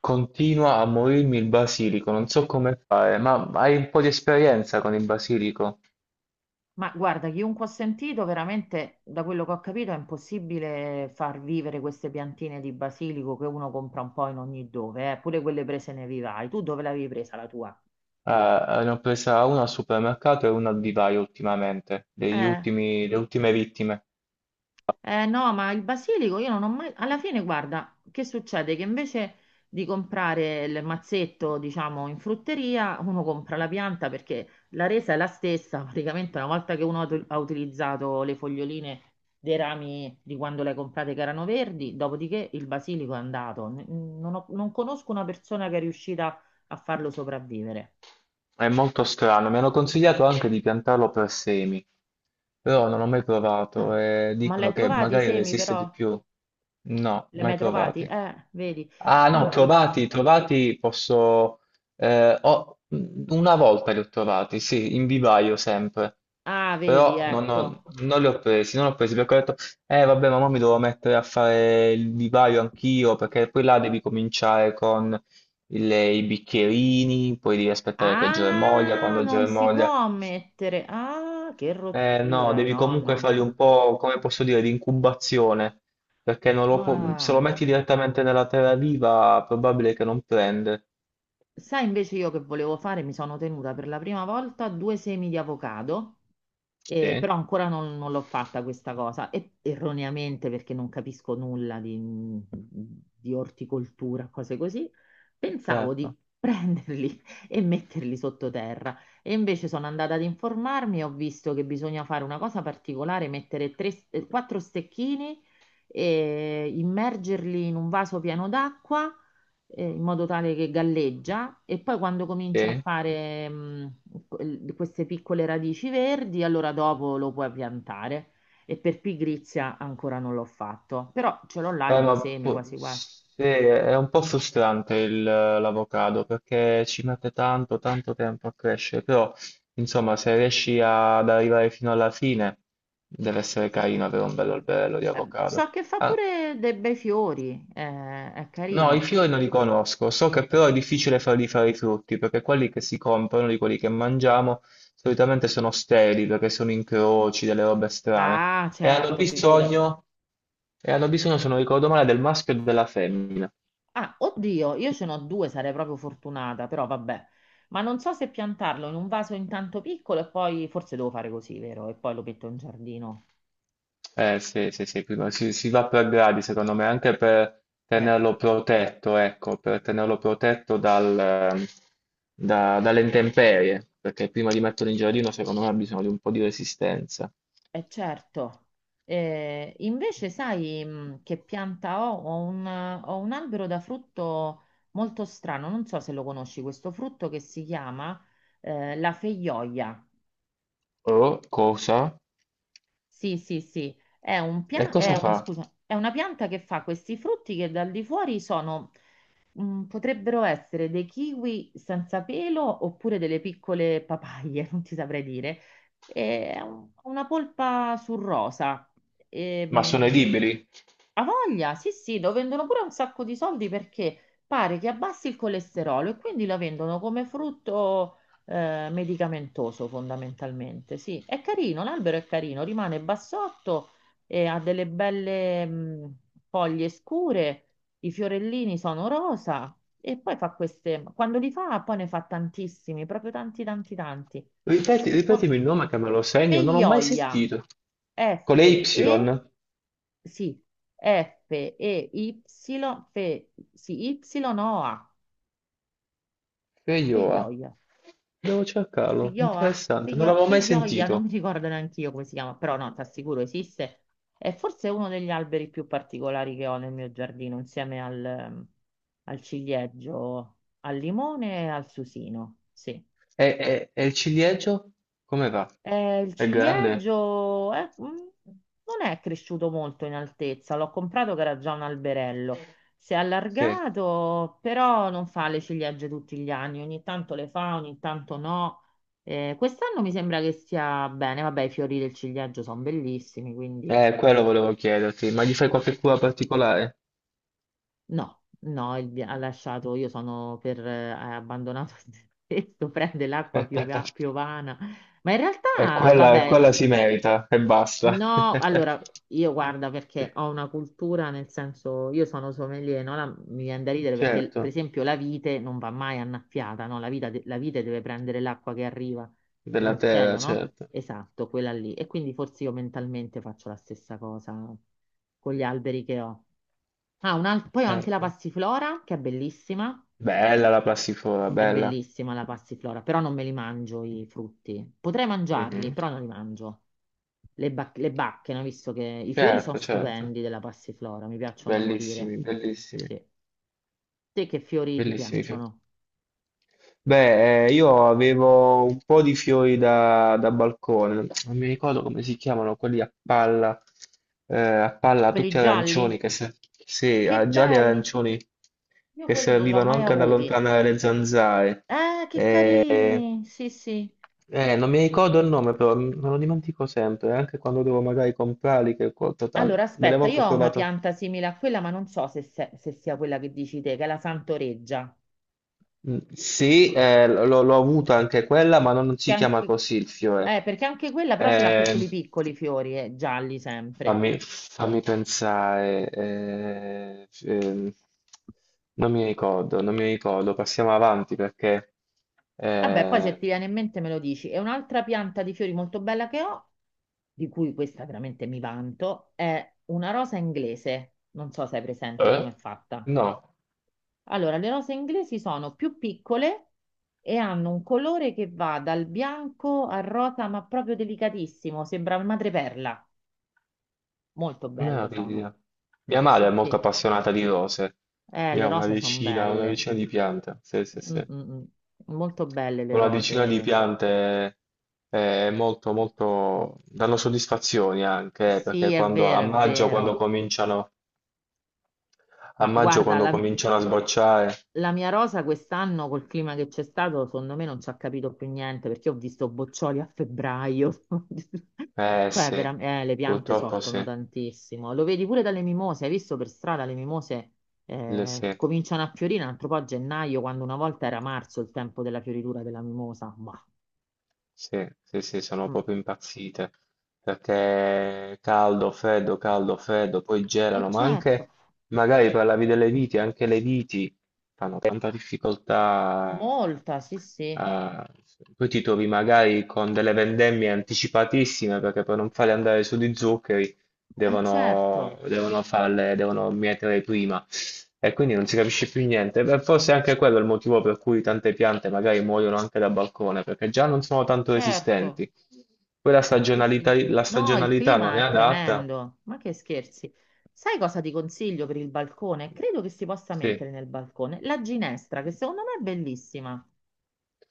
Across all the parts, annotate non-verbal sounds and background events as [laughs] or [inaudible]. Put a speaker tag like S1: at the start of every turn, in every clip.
S1: Continua a morirmi il basilico, non so come fare, ma hai un po' di esperienza con il basilico?
S2: Ma guarda, chiunque ho sentito, veramente, da quello che ho capito, è impossibile far vivere queste piantine di basilico che uno compra un po' in ogni dove, pure quelle prese nei vivai. Tu dove l'avevi presa la tua?
S1: Eh, ne ho presa una al supermercato e una al vivaio ultimamente, degli
S2: Eh.
S1: le ultime vittime.
S2: No, ma il basilico io non ho mai... Alla fine, guarda, che succede? Che invece di comprare il mazzetto, diciamo, in frutteria, uno compra la pianta perché la resa è la stessa. [laughs] Praticamente una volta che uno ha utilizzato le foglioline dei rami di quando le hai comprate che erano verdi, dopodiché il basilico è andato. Non conosco una persona che è riuscita a farlo sopravvivere.
S1: È molto strano, mi hanno consigliato anche di piantarlo per semi, però non ho mai
S2: Ah,
S1: provato e
S2: ma
S1: dicono
S2: l'hai
S1: che
S2: trovati i
S1: magari
S2: semi
S1: resiste
S2: però?
S1: di più. No,
S2: Li hai
S1: mai
S2: mai trovati?
S1: provati.
S2: Vedi.
S1: Ah no,
S2: Dunque,
S1: trovati, trovati posso... eh, ho- una volta li ho trovati, sì, in vivaio sempre,
S2: ah, vedi,
S1: però
S2: ecco.
S1: non li ho presi, non li ho presi perché ho detto, eh vabbè, ma mo mi devo mettere a fare il vivaio anch'io, perché poi là devi cominciare con i bicchierini, poi devi aspettare che germoglia,
S2: Ah,
S1: quando
S2: non si
S1: germoglia
S2: può mettere. Ah, che
S1: no,
S2: rottura.
S1: devi
S2: No,
S1: comunque
S2: no,
S1: fargli
S2: no.
S1: un po', come posso dire, di incubazione, perché non lo pu- se lo
S2: Ah.
S1: metti direttamente nella terra viva, è probabile che non prende.
S2: Sai invece io che volevo fare? Mi sono tenuta per la prima volta due semi di avocado.
S1: Sì,
S2: Però ancora non l'ho fatta questa cosa, e erroneamente perché non capisco nulla di orticoltura, cose così, pensavo di
S1: certo,
S2: prenderli [laughs] e metterli sottoterra. E invece sono andata ad informarmi e ho visto che bisogna fare una cosa particolare, mettere quattro stecchini e immergerli in un vaso pieno d'acqua, in modo tale che galleggia e poi quando
S1: sì.
S2: comincia a fare queste piccole radici verdi, allora dopo lo puoi piantare. E per pigrizia ancora non l'ho fatto, però ce l'ho là i due semi, quasi quasi.
S1: Sì, è un po' frustrante l'avocado, perché ci mette tanto, tanto tempo a crescere, però, insomma, se riesci ad arrivare fino alla fine, deve essere
S2: Ma
S1: carino avere un bello alberello di avocado.
S2: so che fa
S1: Ah,
S2: pure dei bei fiori, è
S1: no, i
S2: carino.
S1: fiori non li conosco, so che però è difficile farli fare i frutti, perché quelli che si comprano, di quelli che mangiamo, solitamente sono steli, perché sono incroci, delle robe strane,
S2: Ah,
S1: e hanno
S2: certo, figura.
S1: bisogno, e hanno bisogno, se non ricordo male, del maschio e della femmina.
S2: Ah, oddio, io ce n'ho due, sarei proprio fortunata, però vabbè. Ma non so se piantarlo in un vaso intanto piccolo e poi forse devo fare così, vero? E poi lo metto in giardino.
S1: Sì, sì, sì, si, si va per gradi, secondo me, anche per
S2: Eh,
S1: tenerlo protetto, ecco, per tenerlo protetto dalle intemperie, perché prima di metterlo in giardino, secondo me, ha bisogno di un po' di resistenza.
S2: certo. Invece sai che pianta ho? Ho ho un albero da frutto molto strano, non so se lo conosci, questo frutto che si chiama la feijoia.
S1: Oh, cosa?
S2: Sì, sì, sì, è un
S1: E
S2: pia- è
S1: cosa
S2: un-
S1: fa?
S2: scusa, è una pianta che fa questi frutti che dal di fuori sono, mm, potrebbero essere dei kiwi senza pelo oppure delle piccole papaie, [laughs] non ti saprei dire. È una polpa sul rosa.
S1: Ma sono i
S2: Ehm,
S1: liberi?
S2: Ha voglia, sì, sì, lo vendono pure un sacco di soldi perché pare che abbassi il colesterolo e quindi lo vendono come frutto medicamentoso fondamentalmente. Sì, è carino, l'albero è carino, rimane bassotto e ha delle belle foglie scure, i fiorellini sono rosa e poi fa queste, quando li fa poi ne fa tantissimi, proprio tanti tanti tanti.
S1: Ripeti,
S2: Sì, con
S1: ripetimi il nome che me lo segno, non l'ho mai
S2: Peioia,
S1: sentito. Con
S2: F
S1: le
S2: E
S1: Y?
S2: sì, FEY, sì, Y OA,
S1: Feioa.
S2: Peioia.
S1: Devo cercarlo,
S2: Feijoa?
S1: interessante, non l'avevo mai
S2: Feijoia, non mi
S1: sentito.
S2: ricordo neanche io come si chiama, però no, ti assicuro esiste. È forse uno degli alberi più particolari che ho nel mio giardino, insieme al, al ciliegio, al limone e al susino. Sì.
S1: E il ciliegio? Come va?
S2: Il
S1: È grande?
S2: ciliegio non è cresciuto molto in altezza, l'ho comprato che era già un alberello. Si è
S1: Sì.
S2: allargato, però non fa le ciliegie tutti gli anni, ogni tanto le fa, ogni tanto no. Quest'anno mi sembra che stia bene, vabbè, i fiori del ciliegio sono bellissimi, quindi
S1: Quello volevo chiederti, ma gli fai
S2: sì.
S1: qualche cura particolare?
S2: No, no, ha lasciato, io sono per, ha abbandonato [laughs] il tetto, prende l'acqua
S1: [laughs]
S2: piovana. Ma in
S1: E
S2: realtà,
S1: quella,
S2: vabbè,
S1: quella si merita e basta. [laughs]
S2: no, allora io guarda perché ho una cultura, nel senso io sono sommelier, no? Mi viene da ridere perché per
S1: Certo.
S2: esempio la vite non va mai annaffiata, no? La vite deve prendere l'acqua che arriva
S1: Della
S2: dal
S1: terra,
S2: cielo, no?
S1: certo,
S2: Esatto, quella lì. E quindi forse io mentalmente faccio la stessa cosa con gli alberi che ho. Ah, poi ho anche la
S1: certo.
S2: passiflora che
S1: Bella la passiflora,
S2: è
S1: bella.
S2: bellissima la passiflora, però non me li mangio i frutti. Potrei mangiarli,
S1: Mhm.
S2: però non li mangio. Le bacche, no? Visto che i fiori sono
S1: Certo, certo.
S2: stupendi della passiflora, mi piacciono da morire.
S1: Bellissimi, bellissimi,
S2: Sì. Te che fiori ti
S1: bellissimi.
S2: piacciono?
S1: Beh, io avevo un po' di fiori da, da balcone, non mi ricordo come si chiamano, quelli a palla
S2: Quelli
S1: tutti
S2: gialli?
S1: arancioni, che se, sì,
S2: Che
S1: ah, gialli e
S2: belli!
S1: arancioni,
S2: Io
S1: che
S2: quelli non li ho
S1: servivano
S2: mai
S1: anche ad
S2: avuti.
S1: allontanare le zanzare.
S2: Ah, che
S1: Eh,
S2: carini! Sì, sì.
S1: non mi ricordo il nome, però me lo dimentico sempre, anche quando devo magari comprarli, che
S2: Allora,
S1: delle
S2: aspetta,
S1: volte
S2: io
S1: ho
S2: ho una
S1: provato.
S2: pianta simile a quella, ma non so se sia quella che dici te, che è la Santoreggia.
S1: Mm, sì, l'ho avuta anche quella, ma non
S2: Che
S1: si
S2: anche...
S1: chiama così il fiore.
S2: Perché anche quella però ce l'ha
S1: Eh,
S2: piccoli piccoli fiori, gialli sempre.
S1: fammi, fammi pensare. Non mi ricordo, non mi ricordo. Passiamo avanti perché...
S2: Vabbè, poi se ti
S1: eh,
S2: viene in mente me lo dici. E un'altra pianta di fiori molto bella che ho, di cui questa veramente mi vanto, è una rosa inglese. Non so se hai presente
S1: eh?
S2: com'è fatta.
S1: No,
S2: Allora, le rose inglesi sono più piccole e hanno un colore che va dal bianco al rosa, ma proprio delicatissimo, sembra madreperla. Molto belle sono.
S1: meraviglia. Mia madre è
S2: Sì,
S1: molto
S2: sì.
S1: appassionata di rose. Ne
S2: Le
S1: ha
S2: rose sono
S1: una
S2: belle.
S1: decina di piante. Sì, sì,
S2: Mm,
S1: sì.
S2: mm, mm. Molto belle le
S1: Una decina di
S2: rose.
S1: piante è molto, molto, danno soddisfazioni anche,
S2: Sì,
S1: perché
S2: è
S1: a
S2: vero, è
S1: maggio quando
S2: vero.
S1: cominciano, a
S2: Ma
S1: maggio
S2: guarda,
S1: quando cominciano a sbocciare,
S2: la mia rosa quest'anno, col clima che c'è stato, secondo me non ci ha capito più niente perché ho visto boccioli a febbraio. [laughs]
S1: eh
S2: Cioè,
S1: sì,
S2: le piante
S1: purtroppo
S2: soffrono
S1: sì,
S2: tantissimo. Lo vedi pure dalle mimose. Hai visto per strada le mimose
S1: sì.
S2: cominciano a fiorire un altro po' a gennaio, quando una volta era marzo il tempo della fioritura della mimosa. Ma,
S1: Sì, sì, sì, sono
S2: mm.
S1: proprio impazzite perché caldo, freddo, poi gelano, ma
S2: Certo,
S1: anche magari parlavi delle viti, anche le viti fanno tanta difficoltà.
S2: molta, sì, sì.
S1: Eh, poi ti trovi magari con delle vendemmie anticipatissime perché per non farle andare su di zuccheri devono,
S2: Certo,
S1: devono farle, devono mietere prima e quindi non si capisce più niente. Beh, forse anche quello è il motivo per cui tante piante magari muoiono anche da balcone, perché già non sono tanto
S2: certo.
S1: resistenti. Poi
S2: Sì, sì.
S1: la
S2: No, il
S1: stagionalità non
S2: clima
S1: è
S2: è
S1: adatta.
S2: tremendo. Ma che scherzi. Sai cosa ti consiglio per il balcone? Credo che si possa mettere
S1: Sì.
S2: nel balcone la ginestra, che secondo me è bellissima.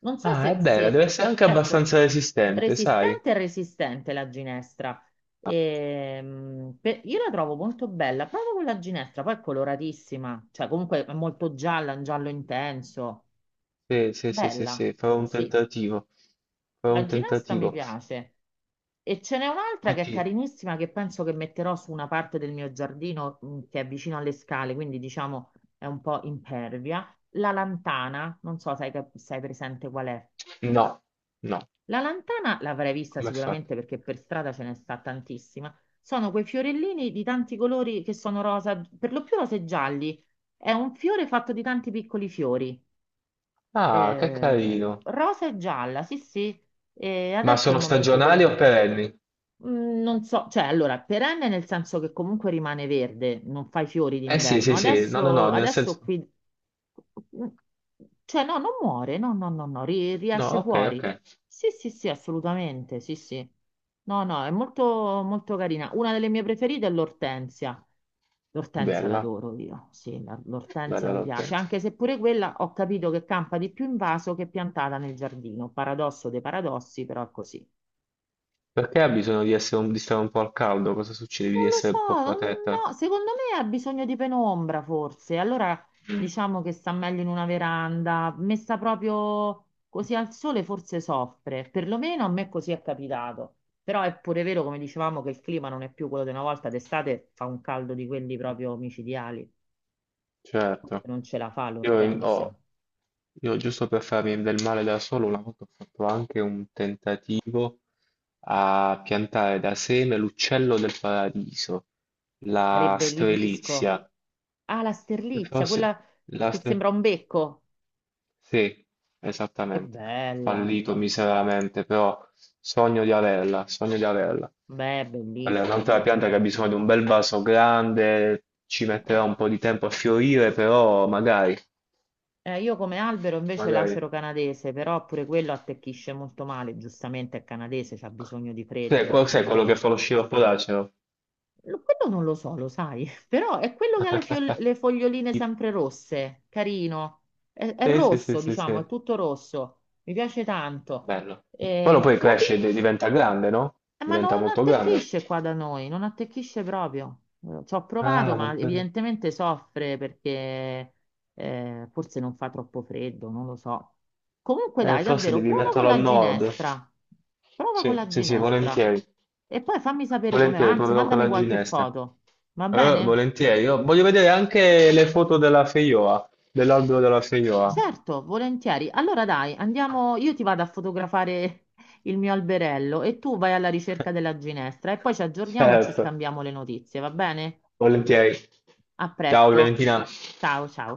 S2: Non so
S1: Ah, è bella, deve essere anche
S2: ecco,
S1: abbastanza resistente, sai?
S2: resistente e resistente la ginestra. Io la trovo molto bella, proprio con la ginestra, poi è coloratissima, cioè comunque è molto gialla, un giallo intenso.
S1: Sì, sì, sì, sì,
S2: Bella,
S1: sì, farò un
S2: sì.
S1: tentativo. Farò
S2: La
S1: un
S2: ginestra mi
S1: tentativo.
S2: piace. E ce n'è un'altra
S1: Poi
S2: che è
S1: ti-
S2: carinissima che penso che metterò su una parte del mio giardino che è vicino alle scale, quindi diciamo è un po' impervia. La lantana, non so se hai, se hai presente qual è.
S1: No, no,
S2: La lantana l'avrei vista
S1: come è fatto?
S2: sicuramente perché per strada ce ne sta tantissima. Sono quei fiorellini di tanti colori che sono rosa, per lo più rosa e gialli. È un fiore fatto di tanti piccoli fiori.
S1: Ah, che carino.
S2: Rosa e gialla, sì, sì. E
S1: Ma
S2: adesso è il
S1: sono
S2: momento del,
S1: stagionali o perenni?
S2: mm, non so, cioè allora, perenne nel senso che comunque rimane verde, non fai fiori
S1: Eh sì,
S2: d'inverno.
S1: sì, sì, no, no, no,
S2: Adesso,
S1: nel
S2: adesso
S1: senso...
S2: qui, mhmm, cioè no, non muore, no, no, no, no,
S1: No,
S2: riesce
S1: ok,
S2: fuori.
S1: ok.
S2: Sì, sì, sì, assolutamente, sì, sì. No, no, è molto, molto carina. Una delle mie preferite è l'ortensia. L'ortensia
S1: Bella,
S2: l'adoro io, sì, l'ortensia
S1: bella
S2: mi piace,
S1: l'altezza.
S2: anche se pure quella ho capito che campa di più in vaso che piantata nel giardino. Paradosso dei paradossi, però è così.
S1: Perché ha bisogno di essere di stare un po' al caldo? Cosa succede? Devi
S2: Non lo
S1: essere
S2: so,
S1: un po'
S2: mm,
S1: protetta?
S2: no, secondo me ha bisogno di penombra forse. Allora
S1: Mm,
S2: diciamo che sta meglio in una veranda, messa proprio così al sole forse soffre. Perlomeno a me così è capitato. Però è pure vero, come dicevamo, che il clima non è più quello di una volta. D'estate fa un caldo di quelli proprio micidiali.
S1: certo.
S2: Non ce la fa
S1: Io, in-
S2: l'ortensia.
S1: ho- io giusto per farmi del male da solo, una volta ho fatto anche un tentativo a piantare da seme l'uccello del paradiso, la
S2: Sarebbe l'ibisco.
S1: strelizia.
S2: Ah, la sterlizia,
S1: Forse...
S2: quella
S1: La
S2: che sembra
S1: strelizia
S2: un becco.
S1: sì,
S2: È
S1: esattamente.
S2: bella.
S1: Fallito miseramente, però sogno di averla, sogno di averla.
S2: Beh, è
S1: Quella è un'altra
S2: bellissima.
S1: pianta che ha bisogno di un bel vaso grande, ci metterà
S2: Eh.
S1: un po' di tempo a fiorire, però magari,
S2: Io come albero invece
S1: magari.
S2: l'acero canadese, però pure quello attecchisce molto male, giustamente è canadese, c'ha bisogno di
S1: Sì,
S2: freddo.
S1: sai
S2: Dice,
S1: quello che
S2: ma
S1: fa lo sciroppo d'acero?
S2: quello non lo so, lo sai, [laughs] però è quello che ha le, le foglioline
S1: [laughs]
S2: sempre rosse, carino. È
S1: Sì, sì, sì,
S2: rosso,
S1: sì,
S2: diciamo, è
S1: sì.
S2: tutto rosso, mi piace tanto.
S1: Bello. Quello
S2: Eh,
S1: poi
S2: probabil-
S1: cresce e diventa grande, no?
S2: ma
S1: Diventa
S2: non
S1: molto grande.
S2: attecchisce qua da noi, non attecchisce proprio. Ci ho provato,
S1: Ah,
S2: ma
S1: non prende.
S2: evidentemente soffre perché forse non fa troppo freddo, non lo so. Comunque dai,
S1: Forse
S2: davvero,
S1: devi
S2: prova con
S1: metterlo al
S2: la
S1: nord.
S2: ginestra. Prova con
S1: Sì,
S2: la
S1: sì, sì,
S2: ginestra.
S1: volentieri.
S2: E poi fammi sapere come va,
S1: Volentieri,
S2: anzi,
S1: proverò con
S2: mandami
S1: la
S2: qualche
S1: ginestra.
S2: foto. Va bene?
S1: Volentieri. Io voglio vedere anche le foto della Feioa, dell'albero della Feioa.
S2: Certo, volentieri. Allora dai, andiamo, io ti vado a fotografare [laughs] il mio alberello e tu vai alla ricerca
S1: [laughs]
S2: della ginestra e poi ci aggiorniamo e ci
S1: Certo,
S2: scambiamo le notizie, va bene?
S1: volentieri.
S2: A
S1: Ciao
S2: presto.
S1: Valentina.
S2: Ciao, ciao.